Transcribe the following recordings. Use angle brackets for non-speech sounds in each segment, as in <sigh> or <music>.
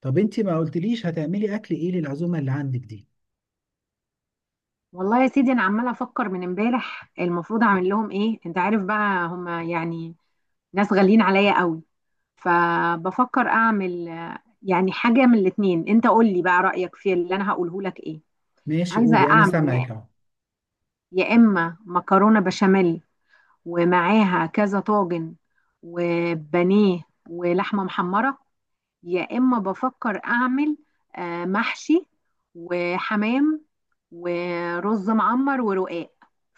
طب انت ما قلتليش هتعملي اكل ايه للعزومه اللي عندك دي؟ والله يا سيدي، انا عماله افكر من امبارح. المفروض اعمل لهم ايه؟ انت عارف بقى، هما يعني ناس غاليين عليا قوي. فبفكر اعمل يعني حاجه من الاتنين. انت قول لي بقى رايك في اللي انا هقوله لك ايه. ماشي، عايزه قولي انا اعمل يا سامعك اهو. يا اما مكرونه بشاميل، ومعاها كذا طاجن، وبانيه، ولحمه محمره. يا إما بفكر أعمل محشي، وحمام، ورز معمر، ورقاق.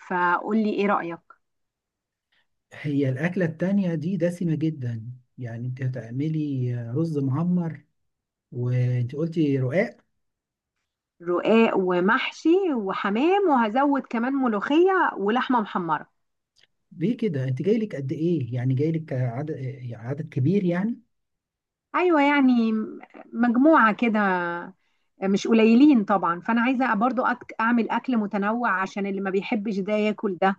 فقولي إيه رأيك؟ هي الاكله التانية دي دسمه جدا، يعني انت هتعملي رز معمر وانت قلتي رقاق. رقاق ومحشي وحمام، وهزود كمان ملوخية ولحمة محمرة. ليه كده؟ انت جايلك قد ايه؟ يعني جايلك عدد كبير يعني. أيوة، يعني مجموعة كده، مش قليلين طبعا. فأنا عايزة برضو أعمل أكل متنوع عشان اللي ما بيحبش ده ياكل ده.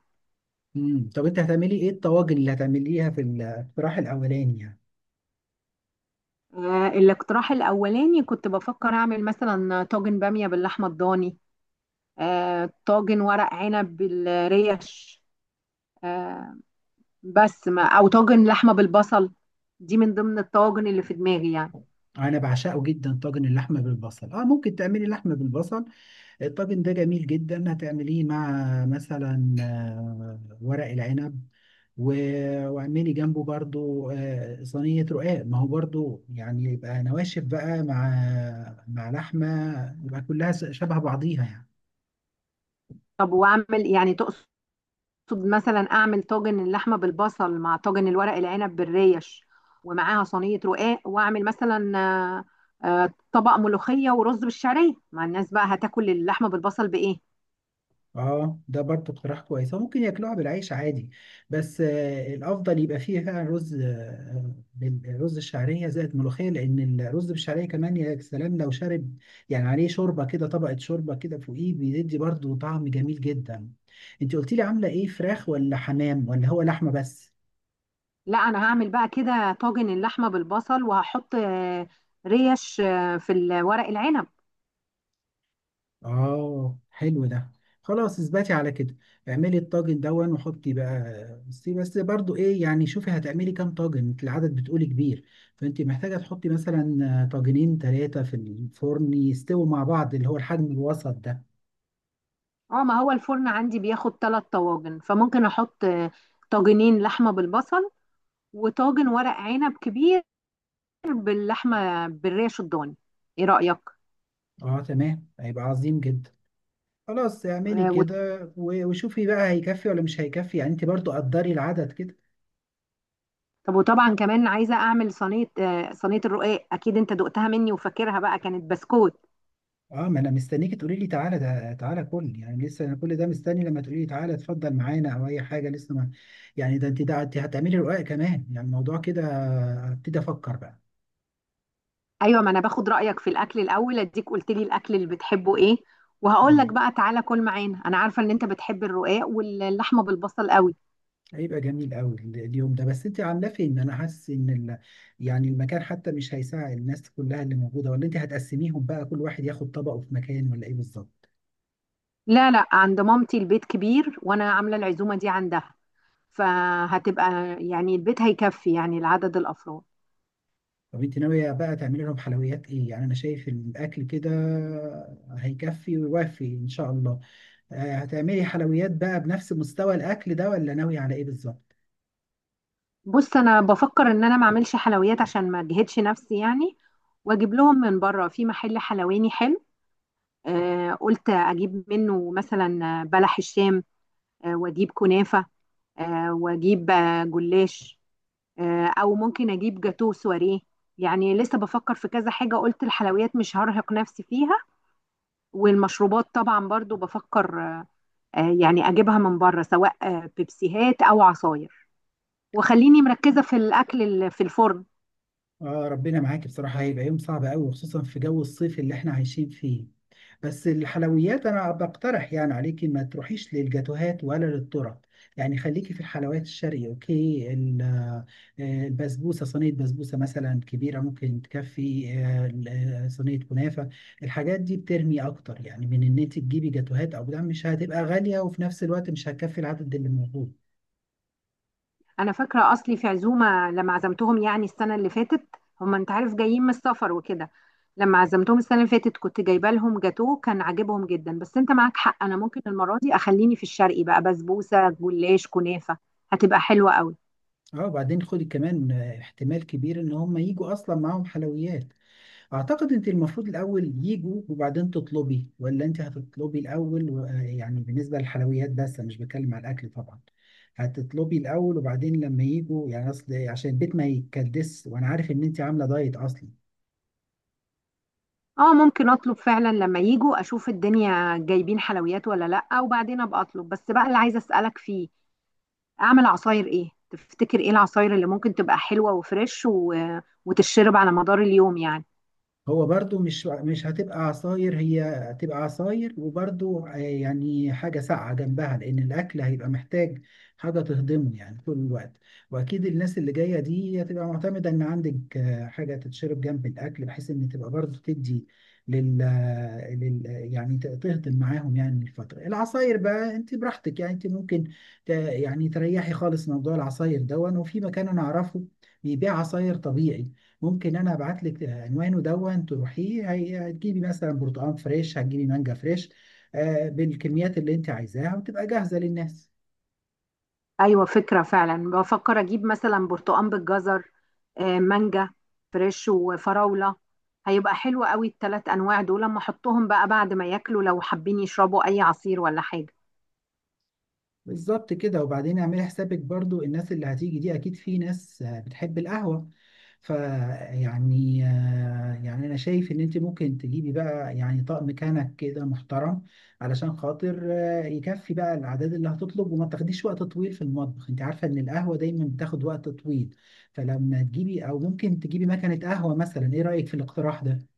طب انت هتعملي ايه الطواجن اللي هتعمليها في الاقتراح الاولاني يعني؟ الاقتراح الأولاني كنت بفكر أعمل مثلا طاجن بامية باللحمة الضاني، طاجن ورق عنب بالريش، آه، بس ما او طاجن لحمه بالبصل. دي من ضمن الطواجن اللي في دماغي يعني. انا بعشقه جدا طاجن اللحمه بالبصل، اه ممكن تعملي لحمه بالبصل، الطاجن ده جميل جدا. هتعمليه مع مثلا ورق العنب، واعملي جنبه برضو صينية رقاق، ما هو برضو يعني يبقى نواشف بقى مع مع لحمة، يبقى كلها شبه بعضيها يعني. طب واعمل، يعني تقصد مثلا اعمل طاجن اللحمه بالبصل مع طاجن الورق العنب بالريش، ومعاها صينيه رقاق. واعمل مثلا طبق ملوخيه ورز بالشعريه. مع الناس بقى هتاكل اللحمه بالبصل بايه؟ اه، ده برضه اقتراح كويس، هو ممكن ياكلوها بالعيش عادي، بس الافضل يبقى فيه فعلا رز، رز الشعريه زائد ملوخيه، لان الرز بالشعريه كمان يا سلام لو شارب يعني عليه شوربه كده، طبقه شوربه كده فوقيه بيدي برضه طعم جميل جدا. انت قلت لي عامله ايه؟ فراخ ولا حمام ولا هو لحمه بس؟ لا، انا هعمل بقى كده طاجن اللحمه بالبصل، وهحط ريش في الورق العنب. اه، حلو ده، خلاص اثبتي على كده، اعملي الطاجن دون وحطي بقى. بس برضو ايه يعني، شوفي هتعملي كام طاجن، انت العدد بتقولي كبير، فانت محتاجة تحطي مثلا طاجنين 3 في الفرن يستووا مع بعض اللي هو الحجم الوسط ده. اه، ما هو الفرن عندي بياخد ثلاث طواجن. فممكن احط طاجنين لحمه بالبصل، وطاجن ورق عنب كبير باللحمه بالريش الضاني. ايه رايك؟ اه تمام، هيبقى عظيم جدا، خلاص اعملي آه وت- كده، وشوفي بقى هيكفي ولا مش هيكفي، يعني انت برضو قدري العدد كده. طب وطبعا كمان عايزه اعمل صينيه، صينيه الرقاق. اكيد انت دقتها مني وفاكرها بقى، كانت بسكوت. اه، ما انا مستنيك تقولي لي تعالى، ده تعالى كل يعني، لسه انا كل ده مستني لما تقولي لي تعالى اتفضل معانا او اي حاجه لسه ما. يعني ده انت، ده انت هتعملي رقاق كمان يعني، الموضوع كده هبتدي افكر بقى. ايوه، ما انا باخد رايك في الاكل الاول، اديك قلت لي الاكل اللي بتحبه ايه، وهقول لك مم. بقى تعالى كل معانا. انا عارفه ان انت بتحب الرقاق واللحمه بالبصل قوي. هيبقى جميل قوي اليوم ده، بس انت عامله فين؟ انا حاسس ان ال... يعني المكان حتى مش هيساعد الناس كلها اللي موجوده، ولا انت هتقسميهم بقى كل واحد ياخد طبقه في مكان ولا ايه بالظبط؟ لا لا، عند مامتي البيت كبير، وانا عامله العزومه دي عندها. فهتبقى يعني البيت هيكفي يعني لعدد الافراد. طب انت ناويه بقى تعملي لهم حلويات ايه؟ يعني انا شايف الاكل كده هيكفي ويوفي ان شاء الله. هتعملي حلويات بقى بنفس مستوى الاكل ده ولا ناوي على ايه بالظبط؟ بص، انا بفكر ان انا ما اعملش حلويات عشان ما اجهدش نفسي يعني، واجيب لهم من بره في محل حلواني حلو. قلت اجيب منه مثلا بلح الشام، واجيب كنافه، واجيب جلاش، او ممكن اجيب جاتو سواريه. يعني لسه بفكر في كذا حاجه. قلت الحلويات مش هرهق نفسي فيها. والمشروبات طبعا برضو بفكر يعني اجيبها من بره سواء بيبسيهات او عصاير، وخليني مركزة في الأكل في الفرن. اه ربنا معاكي، بصراحه هيبقى يوم صعب قوي، خصوصا في جو الصيف اللي احنا عايشين فيه. بس الحلويات انا بقترح يعني عليكي ما تروحيش للجاتوهات ولا للطرق، يعني خليكي في الحلويات الشرقي. اوكي، البسبوسه، صينيه بسبوسه مثلا كبيره ممكن تكفي، صينيه كنافه. الحاجات دي بترمي اكتر يعني من ان انت تجيبي جاتوهات، او ده مش هتبقى غاليه وفي نفس الوقت مش هتكفي العدد اللي موجود. أنا فاكرة أصلي في عزومة لما عزمتهم يعني السنة اللي فاتت. هما أنت عارف جايين من السفر وكده. لما عزمتهم السنة اللي فاتت كنت جايبة لهم جاتوه، كان عاجبهم جدا. بس أنت معاك حق، أنا ممكن المرة دي أخليني في الشرقي بقى: بسبوسة، جلاش، كنافة. هتبقى حلوة قوي. اه، وبعدين خدي كمان احتمال كبير ان هم يجوا اصلا معاهم حلويات. اعتقد انت المفروض الاول يجوا وبعدين تطلبي، ولا انت هتطلبي الاول يعني بالنسبه للحلويات بس، انا مش بتكلم على الاكل طبعا. هتطلبي الاول وبعدين لما يجوا يعني، اصل عشان البيت ما يتكدس، وانا عارف ان انت عامله دايت اصلا. اه، ممكن اطلب فعلا لما يجوا اشوف الدنيا جايبين حلويات ولا لا، وبعدين ابقى اطلب. بس بقى اللي عايزه اسالك فيه، اعمل عصاير ايه؟ تفتكر ايه العصاير اللي ممكن تبقى حلوة وفريش وتتشرب على مدار اليوم يعني؟ هو برضو مش هتبقى عصاير، هي هتبقى عصاير وبرضو يعني حاجة ساقعة جنبها، لأن الأكل هيبقى محتاج حاجة تهضمه يعني طول الوقت. وأكيد الناس اللي جاية دي هتبقى معتمدة إن عندك حاجة تتشرب جنب الأكل بحيث إن تبقى برضو تدي لل, آه، لل... آه، يعني ت- تهضم معاهم يعني الفترة. العصاير بقى أنت براحتك، يعني أنت ممكن يعني تريحي خالص موضوع العصاير دون. وفي مكان أنا أعرفه بيبيع عصاير طبيعي، ممكن انا ابعت لك عنوانه دون تروحيه. هتجيبي مثلا برتقال فريش، هتجيبي مانجا فريش، بالكميات اللي انت عايزاها وتبقى جاهزه للناس. ايوه، فكرة فعلا. بفكر اجيب مثلا برتقان بالجزر، مانجا فريش، وفراولة. هيبقى حلو قوي الثلاث انواع دول، لما احطهم بقى بعد ما ياكلوا لو حابين يشربوا اي عصير ولا حاجة. بالظبط كده. وبعدين اعملي حسابك برضو، الناس اللي هتيجي دي اكيد في ناس بتحب القهوة، فيعني يعني انا شايف ان انت ممكن تجيبي بقى يعني طقم كنك كده محترم، علشان خاطر يكفي بقى الاعداد اللي هتطلب وما تاخديش وقت طويل في المطبخ. انت عارفة ان القهوة دايما بتاخد وقت طويل، فلما تجيبي او ممكن تجيبي مكنة قهوة مثلا، ايه رأيك في الاقتراح ده؟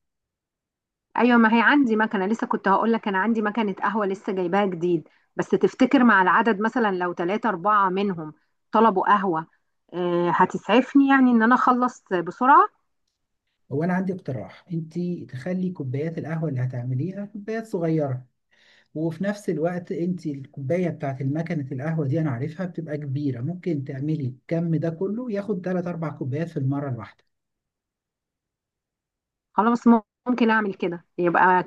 ايوه، ما هي عندي مكنه لسه. كنت هقول لك انا عندي مكنه قهوه لسه جايباها جديد. بس تفتكر مع العدد مثلا لو ثلاثة أربعة منهم طلبوا قهوة، هتسعفني يعني إن أنا أخلص بسرعة؟ هو انا عندي اقتراح، انت تخلي كوبايات القهوة اللي هتعمليها كوبايات صغيرة، وفي نفس الوقت انت الكوبايه بتاعت المكنه القهوه دي انا عارفها بتبقى كبيره، ممكن تعملي الكم ده كله ياخد 3 4 كوبايات في المره الواحده. خلاص، ممكن أعمل كده. يبقى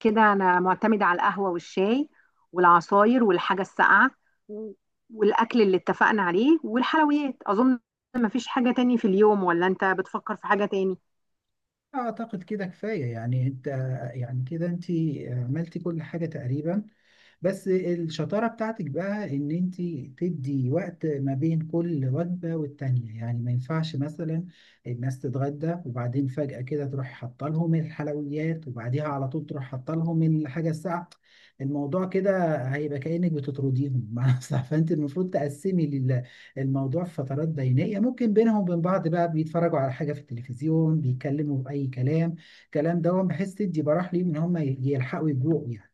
كده أنا معتمدة على القهوة والشاي والعصاير والحاجة الساقعة و- والأكل اللي اتفقنا عليه والحلويات. أظن مفيش حاجة تاني في اليوم، ولا أنت بتفكر في حاجة تاني؟ اعتقد كده كفايه، يعني انت يعني كده انت عملتي كل حاجه تقريبا، بس الشطارة بتاعتك بقى ان انت تدي وقت ما بين كل وجبة والتانية، يعني ما ينفعش مثلا الناس تتغدى وبعدين فجأة كده تروح حاطة لهم الحلويات وبعديها على طول تروح حاطة لهم الحاجة الساقعة، الموضوع كده هيبقى كأنك بتطرديهم <laughs> مع نفسها. فانت المفروض تقسمي الموضوع في فترات بينية، ممكن بينهم وبين بعض بقى بيتفرجوا على حاجة في التلفزيون، بيتكلموا بأي كلام، كلام دوت، بحيث تدي براح ليهم ان هم يلحقوا يجوعوا يعني.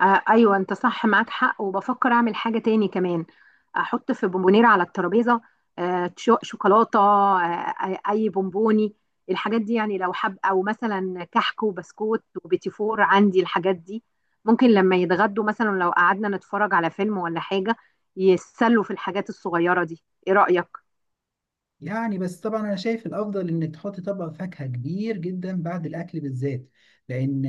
آه ايوه، انت صح معاك حق. وبفكر اعمل حاجه تاني كمان، احط في بونبونيره على الترابيزه شوكولاته، اي بونبوني. الحاجات دي يعني لو حب او مثلا كحك وبسكوت وبيتي فور، عندي الحاجات دي. ممكن لما يتغدوا مثلا لو قعدنا نتفرج على فيلم ولا حاجه، يتسلوا في الحاجات الصغيره دي. ايه رايك؟ يعني بس طبعا انا شايف الافضل انك تحط طبق فاكهه كبير جدا بعد الاكل بالذات، لان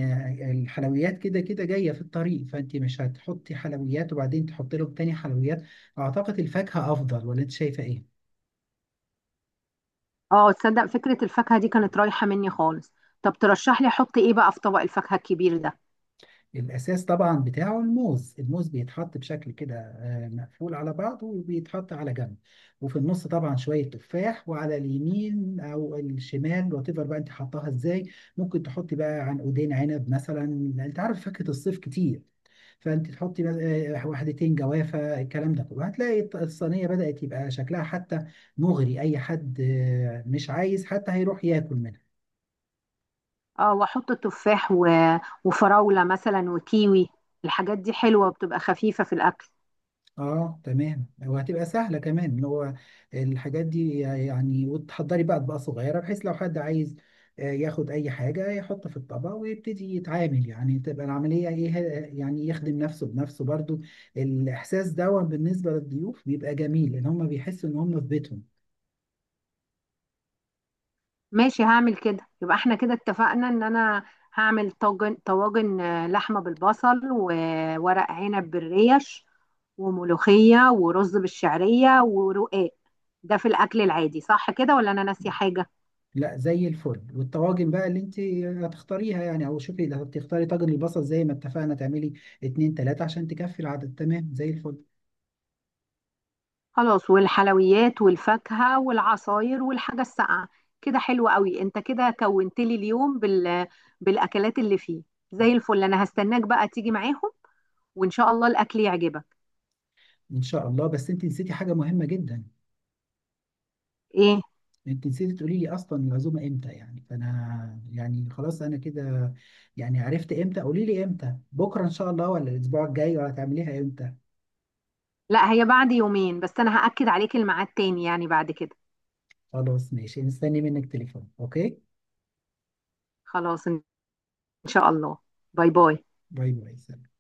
الحلويات كده كده جايه في الطريق، فانت مش هتحطي حلويات وبعدين تحطي لهم تاني حلويات، اعتقد الفاكهه افضل، ولا انت شايفه ايه؟ اه، تصدق فكره الفاكهه دي كانت رايحه مني خالص. طب ترشح لي احط ايه بقى في طبق الفاكهه الكبير ده؟ الأساس طبعا بتاعه الموز، الموز بيتحط بشكل كده مقفول على بعضه وبيتحط على جنب، وفي النص طبعا شوية تفاح، وعلى اليمين أو الشمال وات ايفر بقى أنت حطاها إزاي. ممكن تحطي بقى عنقودين عنب مثلا، أنت عارف فاكهة الصيف كتير، فأنت تحطي واحدتين جوافة، الكلام ده كله هتلاقي الصينية بدأت يبقى شكلها حتى مغري، أي حد مش عايز حتى هيروح ياكل منها. اه، واحط تفاح وفراولة مثلا وكيوي. الحاجات دي حلوة وبتبقى خفيفة في الأكل. اه تمام، وهتبقى سهله كمان اللي هو الحاجات دي يعني، وتحضري بقى اطباق صغيره بحيث لو حد عايز ياخد اي حاجه يحط في الطبق ويبتدي يتعامل، يعني تبقى العمليه ايه يعني يخدم نفسه بنفسه برضو. الاحساس ده بالنسبه للضيوف بيبقى جميل ان هم بيحسوا ان هم في بيتهم. ماشي، هعمل كده. يبقى احنا كده اتفقنا ان انا هعمل طواجن لحمة بالبصل، وورق عنب بالريش، وملوخية، ورز بالشعرية، ورقاق. ده في الأكل العادي، صح كده ولا أنا ناسية حاجة؟ لا، زي الفل، والطواجن بقى اللي انت هتختاريها يعني، او شوفي اللي هتختاري، طاجن البصل زي ما اتفقنا تعملي 2 3 عشان تكفي العدد، تمام زي الفل. خلاص، والحلويات والفاكهة والعصاير والحاجة الساقعة. كده حلو قوي، انت كده كونت لي اليوم بالأكلات اللي فيه. زي الفل، انا هستناك بقى تيجي معاهم، وان شاء الله الأكل يعجبك. ان شاء الله. بس انت نسيتي حاجه مهمه جدا. ايه؟ انت نسيتي تقولي لي اصلا العزومه امتى يعني، فانا يعني خلاص انا كده يعني عرفت امتى، قولي لي امتى، بكره ان شاء الله ولا الاسبوع الجاي ولا هتعمليها امتى؟ لا، هي بعد يومين. بس انا هأكد عليك الميعاد تاني يعني بعد كده. خلاص ماشي، مستني منك تليفون، اوكي. خلاص، ان شاء الله. باي باي. باي باي، سلام.